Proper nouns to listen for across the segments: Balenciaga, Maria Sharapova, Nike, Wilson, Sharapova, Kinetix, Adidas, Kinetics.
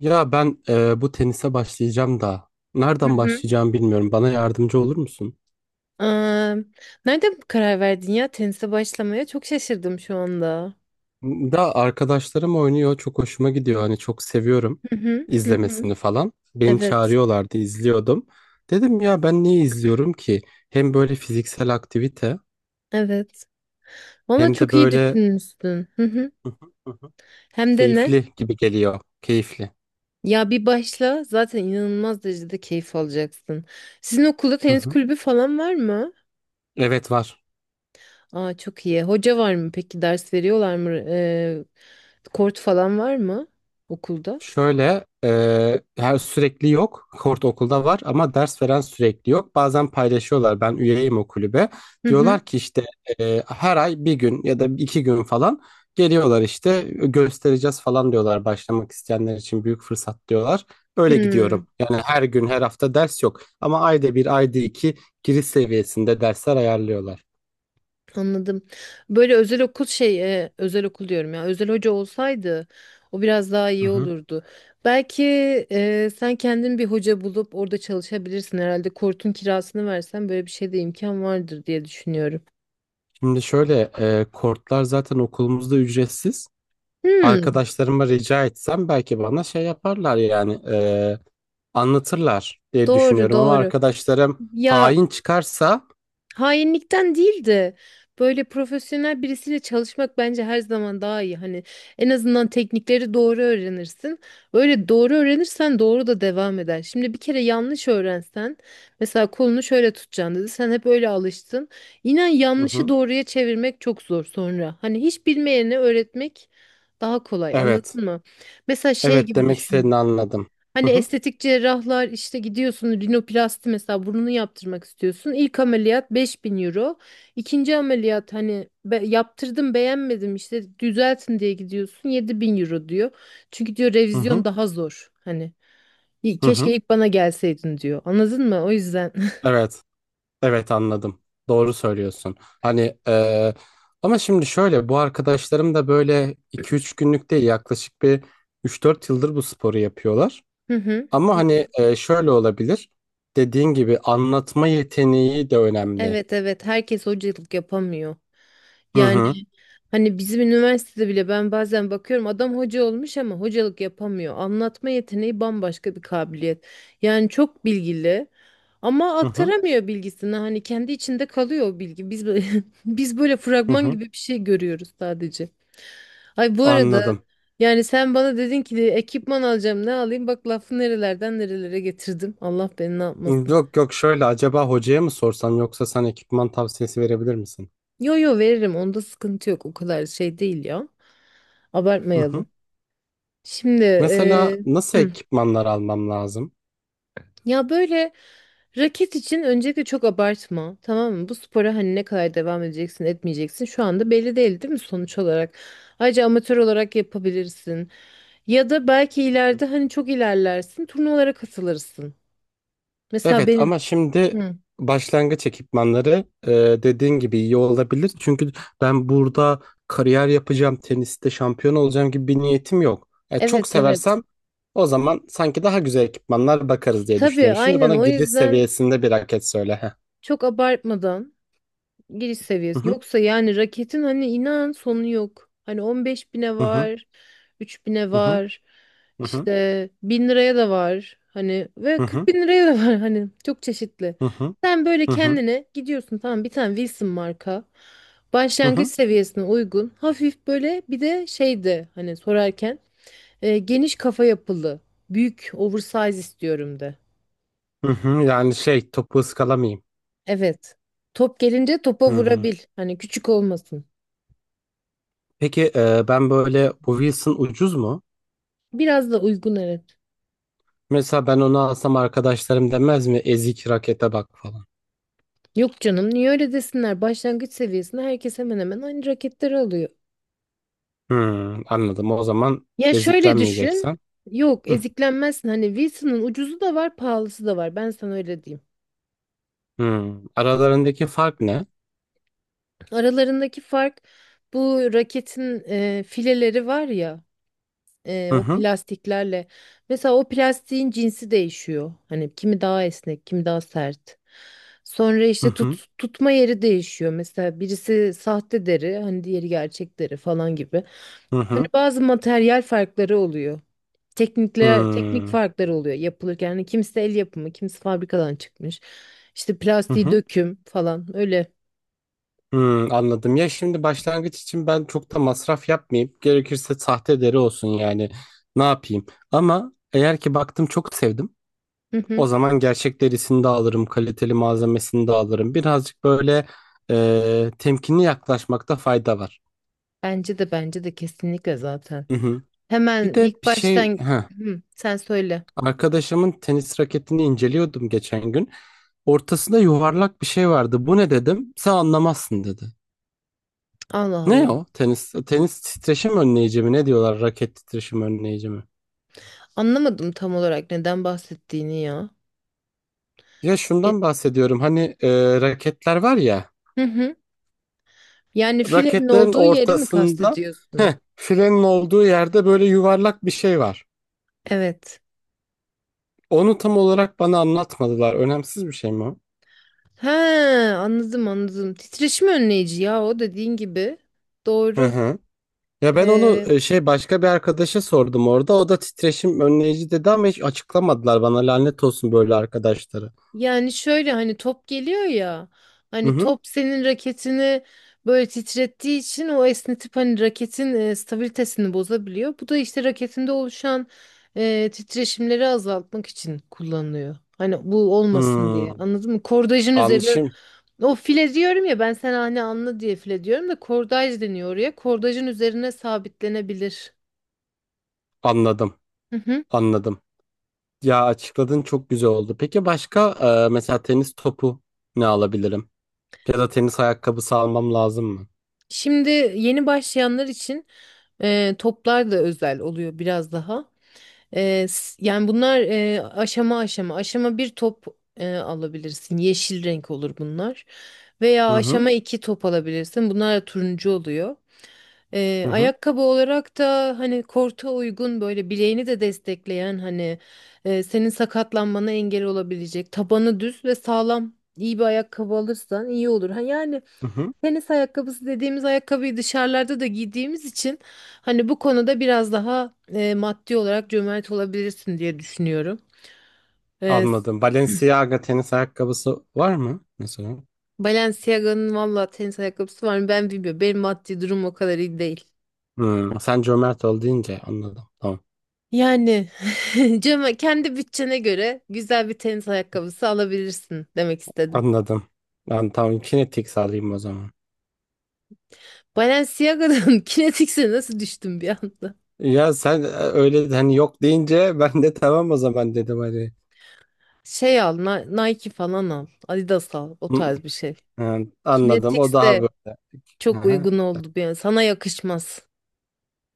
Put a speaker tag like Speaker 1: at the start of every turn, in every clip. Speaker 1: Ya ben bu tenise başlayacağım da
Speaker 2: Hı
Speaker 1: nereden
Speaker 2: hı.
Speaker 1: başlayacağımı bilmiyorum. Bana yardımcı olur musun?
Speaker 2: Aa, nerede bu karar verdin ya tenise başlamaya? Çok şaşırdım şu anda.
Speaker 1: Da arkadaşlarım oynuyor, çok hoşuma gidiyor. Hani çok seviyorum
Speaker 2: Hı hı. Hı hı.
Speaker 1: izlemesini falan. Beni
Speaker 2: Evet.
Speaker 1: çağırıyorlardı, izliyordum. Dedim ya ben niye izliyorum ki? Hem böyle fiziksel aktivite
Speaker 2: Evet. Valla
Speaker 1: hem de
Speaker 2: çok iyi
Speaker 1: böyle
Speaker 2: düşünmüşsün. Hı hı.
Speaker 1: Hı hı, hı
Speaker 2: Hem de ne?
Speaker 1: keyifli gibi geliyor. Keyifli.
Speaker 2: Ya bir başla zaten inanılmaz derecede keyif alacaksın. Sizin okulda
Speaker 1: Hı
Speaker 2: tenis
Speaker 1: hı.
Speaker 2: kulübü falan var mı?
Speaker 1: Evet var.
Speaker 2: Aa, çok iyi. Hoca var mı peki? Ders veriyorlar mı? Kort falan var mı okulda?
Speaker 1: Şöyle her sürekli yok. Kort okulda var ama ders veren sürekli yok. Bazen paylaşıyorlar. Ben üyeyim o kulübe.
Speaker 2: Hı hı.
Speaker 1: Diyorlar ki işte her ay bir gün ya da iki gün falan geliyorlar işte göstereceğiz falan diyorlar. Başlamak isteyenler için büyük fırsat diyorlar. Öyle
Speaker 2: Hı.
Speaker 1: gidiyorum. Yani her gün her hafta ders yok. Ama ayda bir ayda iki giriş seviyesinde dersler ayarlıyorlar.
Speaker 2: Anladım. Böyle özel okul özel okul diyorum ya. Özel hoca olsaydı o biraz daha
Speaker 1: Hı
Speaker 2: iyi
Speaker 1: hı.
Speaker 2: olurdu. Belki sen kendin bir hoca bulup orada çalışabilirsin herhalde. Kortun kirasını versen böyle bir şey de imkan vardır diye düşünüyorum.
Speaker 1: Şimdi şöyle kortlar zaten okulumuzda ücretsiz.
Speaker 2: Hmm,
Speaker 1: Arkadaşlarıma rica etsem belki bana şey yaparlar, yani anlatırlar diye
Speaker 2: doğru
Speaker 1: düşünüyorum, ama
Speaker 2: doğru.
Speaker 1: arkadaşlarım
Speaker 2: Ya,
Speaker 1: hain çıkarsa.
Speaker 2: hainlikten değil de böyle profesyonel birisiyle çalışmak bence her zaman daha iyi. Hani en azından teknikleri doğru öğrenirsin. Öyle doğru öğrenirsen doğru da devam eder. Şimdi bir kere yanlış öğrensen mesela kolunu şöyle tutacaksın dedi. Sen hep öyle alıştın. İnan
Speaker 1: Hı
Speaker 2: yanlışı
Speaker 1: hı.
Speaker 2: doğruya çevirmek çok zor sonra. Hani hiç bilmeyene öğretmek daha kolay,
Speaker 1: Evet.
Speaker 2: anladın mı? Mesela şey
Speaker 1: Evet,
Speaker 2: gibi
Speaker 1: demek
Speaker 2: düşün.
Speaker 1: istediğini anladım.
Speaker 2: Hani
Speaker 1: Hı hı.
Speaker 2: estetik cerrahlar işte gidiyorsun, rinoplasti mesela burnunu yaptırmak istiyorsun. İlk ameliyat 5.000 euro. İkinci ameliyat hani yaptırdım, beğenmedim, işte düzeltin diye gidiyorsun, 7.000 euro diyor. Çünkü diyor
Speaker 1: Hı
Speaker 2: revizyon
Speaker 1: hı.
Speaker 2: daha zor. Hani "İyi,
Speaker 1: Hı hı.
Speaker 2: keşke ilk bana gelseydin," diyor. Anladın mı? O yüzden.
Speaker 1: Evet. Evet, anladım. Doğru söylüyorsun. Hani ama şimdi şöyle, bu arkadaşlarım da böyle iki üç günlük değil, yaklaşık bir üç dört yıldır bu sporu yapıyorlar. Ama
Speaker 2: Hı hı.
Speaker 1: hani şöyle olabilir. Dediğin gibi anlatma yeteneği de önemli.
Speaker 2: Evet evet, herkes hocalık yapamıyor.
Speaker 1: Hı
Speaker 2: Yani
Speaker 1: hı.
Speaker 2: hani bizim üniversitede bile ben bazen bakıyorum adam hoca olmuş ama hocalık yapamıyor. Anlatma yeteneği bambaşka bir kabiliyet. Yani çok bilgili ama
Speaker 1: Hı hı.
Speaker 2: aktaramıyor bilgisini. Hani kendi içinde kalıyor o bilgi. Biz biz böyle
Speaker 1: Hı
Speaker 2: fragman
Speaker 1: hı.
Speaker 2: gibi bir şey görüyoruz sadece. Ay, bu arada
Speaker 1: Anladım.
Speaker 2: yani sen bana dedin ki ekipman alacağım ne alayım, bak lafı nerelerden nerelere getirdim. Allah beni ne yapmasın.
Speaker 1: Yok yok, şöyle acaba hocaya mı sorsam, yoksa sen ekipman tavsiyesi verebilir misin?
Speaker 2: Yo yo, veririm, onda sıkıntı yok, o kadar şey değil ya.
Speaker 1: Hı hı.
Speaker 2: Abartmayalım. Şimdi
Speaker 1: Mesela nasıl
Speaker 2: hı.
Speaker 1: ekipmanlar almam lazım?
Speaker 2: Ya böyle raket için öncelikle çok abartma, tamam mı? Bu spora hani ne kadar devam edeceksin etmeyeceksin şu anda belli değil, değil mi, sonuç olarak? Ayrıca amatör olarak yapabilirsin. Ya da belki ileride hani çok ilerlersin, turnuvalara katılırsın. Mesela
Speaker 1: Evet
Speaker 2: benim.
Speaker 1: ama şimdi
Speaker 2: Hı.
Speaker 1: başlangıç ekipmanları dediğin gibi iyi olabilir. Çünkü ben burada kariyer yapacağım, teniste şampiyon olacağım gibi bir niyetim yok. E, çok
Speaker 2: Evet evet.
Speaker 1: seversem o zaman sanki daha güzel ekipmanlar bakarız diye
Speaker 2: Tabii
Speaker 1: düşünüyorum. Şimdi
Speaker 2: aynen,
Speaker 1: bana
Speaker 2: o
Speaker 1: giriş
Speaker 2: yüzden
Speaker 1: seviyesinde bir raket söyle. Heh.
Speaker 2: çok abartmadan. Giriş
Speaker 1: Hı
Speaker 2: seviyesi.
Speaker 1: hı.
Speaker 2: Yoksa yani raketin hani inan sonu yok. Hani 15 bine
Speaker 1: Hı hı.
Speaker 2: var, 3 bine
Speaker 1: Hı hı.
Speaker 2: var,
Speaker 1: Hı hı.
Speaker 2: işte 1000 liraya da var. Hani ve
Speaker 1: Hı
Speaker 2: 40
Speaker 1: hı.
Speaker 2: bin liraya da var hani çok çeşitli.
Speaker 1: Hı hı.
Speaker 2: Sen böyle kendine gidiyorsun tamam bir tane Wilson marka.
Speaker 1: Hı
Speaker 2: Başlangıç
Speaker 1: hı.
Speaker 2: seviyesine uygun. Hafif böyle, bir de şeydi hani sorarken geniş kafa yapılı. Büyük, oversize istiyorum de.
Speaker 1: Hı. Yani şey, topu ıskalamayayım.
Speaker 2: Evet. Top gelince topa
Speaker 1: Hı.
Speaker 2: vurabil. Hani küçük olmasın.
Speaker 1: Peki ben böyle bu Wilson ucuz mu?
Speaker 2: Biraz da uygun, evet.
Speaker 1: Mesela ben onu alsam arkadaşlarım demez mi? Ezik rakete bak falan.
Speaker 2: Yok canım, niye öyle desinler? Başlangıç seviyesinde herkes hemen hemen aynı raketleri alıyor.
Speaker 1: Hmm, anladım. O zaman
Speaker 2: Ya şöyle düşün.
Speaker 1: eziklenmeyeceksen.
Speaker 2: Yok,
Speaker 1: Hı.
Speaker 2: eziklenmezsin. Hani Wilson'ın ucuzu da var, pahalısı da var. Ben sana öyle diyeyim.
Speaker 1: Hmm. Aralarındaki fark ne?
Speaker 2: Aralarındaki fark bu raketin fileleri var ya. e,
Speaker 1: Hı
Speaker 2: o
Speaker 1: hı.
Speaker 2: plastiklerle. Mesela o plastiğin cinsi değişiyor. Hani kimi daha esnek, kimi daha sert. Sonra
Speaker 1: Hı
Speaker 2: işte
Speaker 1: hı.
Speaker 2: tut, tutma yeri değişiyor. Mesela birisi sahte deri, hani diğeri gerçek deri falan gibi.
Speaker 1: Hı
Speaker 2: Hani
Speaker 1: hı.
Speaker 2: bazı materyal farkları oluyor. Teknikler, teknik
Speaker 1: Hmm.
Speaker 2: farkları oluyor yapılırken. Hani kimisi el yapımı, kimisi fabrikadan çıkmış. İşte
Speaker 1: Hı
Speaker 2: plastiği
Speaker 1: hı.
Speaker 2: döküm falan öyle.
Speaker 1: Hmm, anladım. Ya şimdi başlangıç için ben çok da masraf yapmayayım. Gerekirse sahte deri olsun yani. Ne yapayım? Ama eğer ki baktım çok sevdim.
Speaker 2: Hı hı.
Speaker 1: O zaman gerçek derisini de alırım. Kaliteli malzemesini de alırım. Birazcık böyle temkinli yaklaşmakta fayda var.
Speaker 2: Bence de bence de kesinlikle zaten.
Speaker 1: Hı hı. Bir
Speaker 2: Hemen
Speaker 1: de
Speaker 2: ilk
Speaker 1: bir şey,
Speaker 2: baştan. Hı, sen söyle.
Speaker 1: arkadaşımın tenis raketini inceliyordum geçen gün. Ortasında yuvarlak bir şey vardı. Bu ne dedim? Sen anlamazsın dedi.
Speaker 2: Allah
Speaker 1: Ne
Speaker 2: Allah.
Speaker 1: o? Tenis titreşim önleyici mi? Ne diyorlar? Raket titreşim önleyici mi?
Speaker 2: Anlamadım tam olarak neden bahsettiğini ya.
Speaker 1: Ya
Speaker 2: E,
Speaker 1: şundan bahsediyorum. Hani raketler var ya.
Speaker 2: Hı hı. Yani filenin
Speaker 1: Raketlerin
Speaker 2: olduğu yeri mi
Speaker 1: ortasında, heh,
Speaker 2: kastediyorsun?
Speaker 1: filenin olduğu yerde böyle yuvarlak bir şey var.
Speaker 2: Evet.
Speaker 1: Onu tam olarak bana anlatmadılar. Önemsiz bir şey mi o?
Speaker 2: He, anladım anladım. Titreşim önleyici ya, o dediğin gibi.
Speaker 1: Hı
Speaker 2: Doğru.
Speaker 1: hı. Ya ben onu
Speaker 2: Ee,
Speaker 1: şey, başka bir arkadaşa sordum orada. O da titreşim önleyici dedi ama hiç açıklamadılar bana. Lanet olsun böyle arkadaşları.
Speaker 2: Yani şöyle hani top geliyor ya,
Speaker 1: Hı
Speaker 2: hani
Speaker 1: hı.
Speaker 2: top senin raketini böyle titrettiği için o esnetip hani raketin stabilitesini bozabiliyor. Bu da işte raketinde oluşan titreşimleri azaltmak için kullanılıyor. Hani bu olmasın
Speaker 1: Hmm.
Speaker 2: diye, anladın mı? Kordajın
Speaker 1: An
Speaker 2: üzerine
Speaker 1: şimdi
Speaker 2: o file diyorum ya, ben sana hani anla diye file diyorum da kordaj deniyor oraya. Kordajın üzerine sabitlenebilir.
Speaker 1: anladım.
Speaker 2: Hı hı.
Speaker 1: Anladım. Ya açıkladın, çok güzel oldu. Peki başka mesela tenis topu ne alabilirim? Ya da tenis ayakkabısı almam lazım mı?
Speaker 2: Şimdi yeni başlayanlar için toplar da özel oluyor biraz daha. Yani bunlar aşama aşama. Aşama bir top alabilirsin. Yeşil renk olur bunlar. Veya
Speaker 1: Hı hı.
Speaker 2: aşama iki top alabilirsin. Bunlar da turuncu oluyor.
Speaker 1: Hı hı.
Speaker 2: Ayakkabı olarak da hani korta uygun böyle bileğini de destekleyen hani senin sakatlanmana engel olabilecek tabanı düz ve sağlam iyi bir ayakkabı alırsan iyi olur. Ha, yani
Speaker 1: Hı hı.
Speaker 2: tenis ayakkabısı dediğimiz ayakkabıyı dışarılarda da giydiğimiz için hani bu konuda biraz daha maddi olarak cömert olabilirsin diye düşünüyorum. E,
Speaker 1: Anladım. Balenciaga tenis ayakkabısı var mı mesela?
Speaker 2: Balenciaga'nın valla tenis ayakkabısı var mı ben bilmiyorum. Benim maddi durum o kadar iyi değil.
Speaker 1: Hmm. Sen cömert ol deyince anladım. Tamam.
Speaker 2: Yani cömert, kendi bütçene göre güzel bir tenis ayakkabısı alabilirsin demek istedim.
Speaker 1: Anladım. Ben tamam Kinetix alayım o zaman.
Speaker 2: Balenciaga'dan Kinetics'e nasıl düştüm bir anda?
Speaker 1: Ya sen öyle hani yok deyince ben de tamam o zaman dedim hani.
Speaker 2: Şey al, Nike falan al, Adidas al, o
Speaker 1: Hı.
Speaker 2: tarz bir şey.
Speaker 1: Ha. Anladım, o
Speaker 2: Kinetix
Speaker 1: daha böyle.
Speaker 2: çok
Speaker 1: Aha.
Speaker 2: uygun oldu bir an. Sana yakışmaz.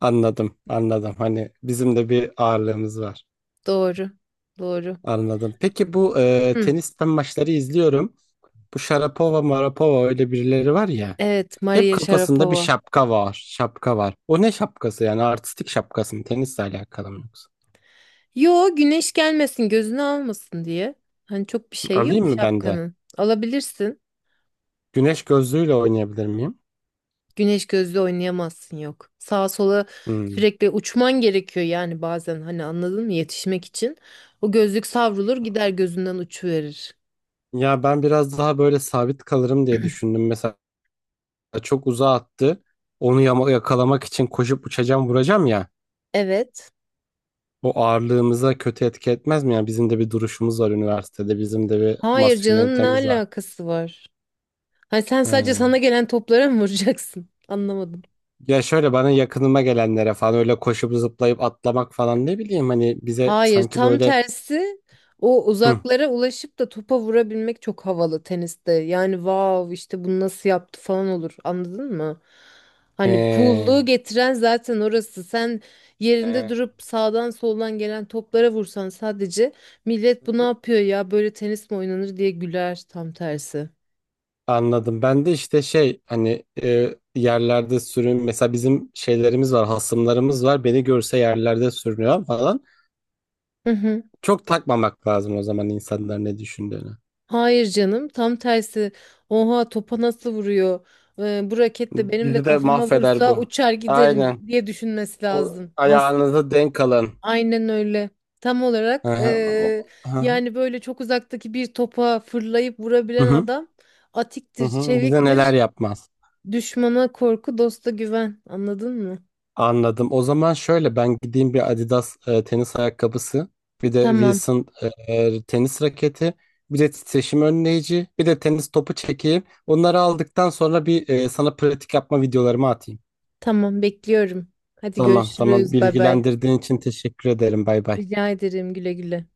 Speaker 1: Anladım anladım, hani bizim de bir ağırlığımız var.
Speaker 2: Doğru. Doğru.
Speaker 1: Anladım. Peki bu
Speaker 2: Hı.
Speaker 1: tenisten maçları izliyorum. Bu Sharapova Marapova öyle birileri var ya.
Speaker 2: Evet,
Speaker 1: Hep
Speaker 2: Maria
Speaker 1: kafasında bir
Speaker 2: Sharapova.
Speaker 1: şapka var. Şapka var. O ne şapkası yani? Artistik şapkası mı? Tenisle alakalı mı yoksa?
Speaker 2: Yo, güneş gelmesin, gözünü almasın diye. Hani çok bir şey yok
Speaker 1: Alayım mı ben de?
Speaker 2: şapkanın. Alabilirsin.
Speaker 1: Güneş gözlüğüyle oynayabilir miyim?
Speaker 2: Güneş gözlü oynayamazsın, yok. Sağa sola
Speaker 1: Hmm.
Speaker 2: sürekli uçman gerekiyor yani, bazen hani anladın mı yetişmek için. O gözlük savrulur gider, gözünden uçuverir.
Speaker 1: Ya ben biraz daha böyle sabit kalırım diye düşündüm. Mesela çok uzağa attı. Onu yakalamak için koşup uçacağım vuracağım ya.
Speaker 2: Evet.
Speaker 1: O ağırlığımıza kötü etki etmez mi? Yani bizim de bir duruşumuz var üniversitede. Bizim de bir
Speaker 2: Hayır canım, ne
Speaker 1: maskülenitemiz var.
Speaker 2: alakası var? Hani sen sadece
Speaker 1: Ha.
Speaker 2: sana gelen toplara mı vuracaksın? Anlamadım.
Speaker 1: Ya şöyle bana yakınıma gelenlere falan öyle koşup zıplayıp atlamak falan, ne bileyim, hani bize
Speaker 2: Hayır,
Speaker 1: sanki
Speaker 2: tam
Speaker 1: böyle.
Speaker 2: tersi. O
Speaker 1: Hı.
Speaker 2: uzaklara ulaşıp da topa vurabilmek çok havalı teniste. Yani wow, işte bunu nasıl yaptı falan olur. Anladın mı? Hani
Speaker 1: ee,
Speaker 2: cool'luğu getiren zaten orası. Sen yerinde
Speaker 1: ee,
Speaker 2: durup sağdan soldan gelen toplara vursan sadece, millet bu ne
Speaker 1: hı.
Speaker 2: yapıyor ya, böyle tenis mi oynanır diye güler, tam tersi.
Speaker 1: Anladım. Ben de işte şey, hani yerlerde sürün, mesela bizim şeylerimiz var, hasımlarımız var. Beni görse yerlerde sürünüyor falan. Çok takmamak lazım o zaman insanlar ne düşündüğünü.
Speaker 2: Hayır canım, tam tersi. Oha, topa nasıl vuruyor? Bu raket de benim de
Speaker 1: Bizi de
Speaker 2: kafama
Speaker 1: mahveder
Speaker 2: vursa
Speaker 1: bu.
Speaker 2: uçar giderim
Speaker 1: Aynen.
Speaker 2: diye düşünmesi
Speaker 1: O,
Speaker 2: lazım. Has,
Speaker 1: ayağınızı denk alın.
Speaker 2: aynen öyle. Tam
Speaker 1: Hı
Speaker 2: olarak
Speaker 1: hı. Hı hı.
Speaker 2: yani böyle çok uzaktaki bir topa fırlayıp
Speaker 1: Hı
Speaker 2: vurabilen
Speaker 1: hı.
Speaker 2: adam
Speaker 1: Hı
Speaker 2: atiktir,
Speaker 1: hı. Bize neler
Speaker 2: çeviktir.
Speaker 1: yapmaz.
Speaker 2: Düşmana korku, dosta güven. Anladın mı?
Speaker 1: Anladım. O zaman şöyle, ben gideyim bir Adidas tenis ayakkabısı, bir de
Speaker 2: Tamam,
Speaker 1: Wilson tenis raketi, bir de titreşim önleyici, bir de tenis topu çekeyim. Onları aldıktan sonra bir sana pratik yapma videolarımı atayım.
Speaker 2: tamam bekliyorum. Hadi
Speaker 1: Tamam tamam,
Speaker 2: görüşürüz. Bay bay.
Speaker 1: bilgilendirdiğin için teşekkür ederim. Bay bay.
Speaker 2: Rica ederim, güle güle.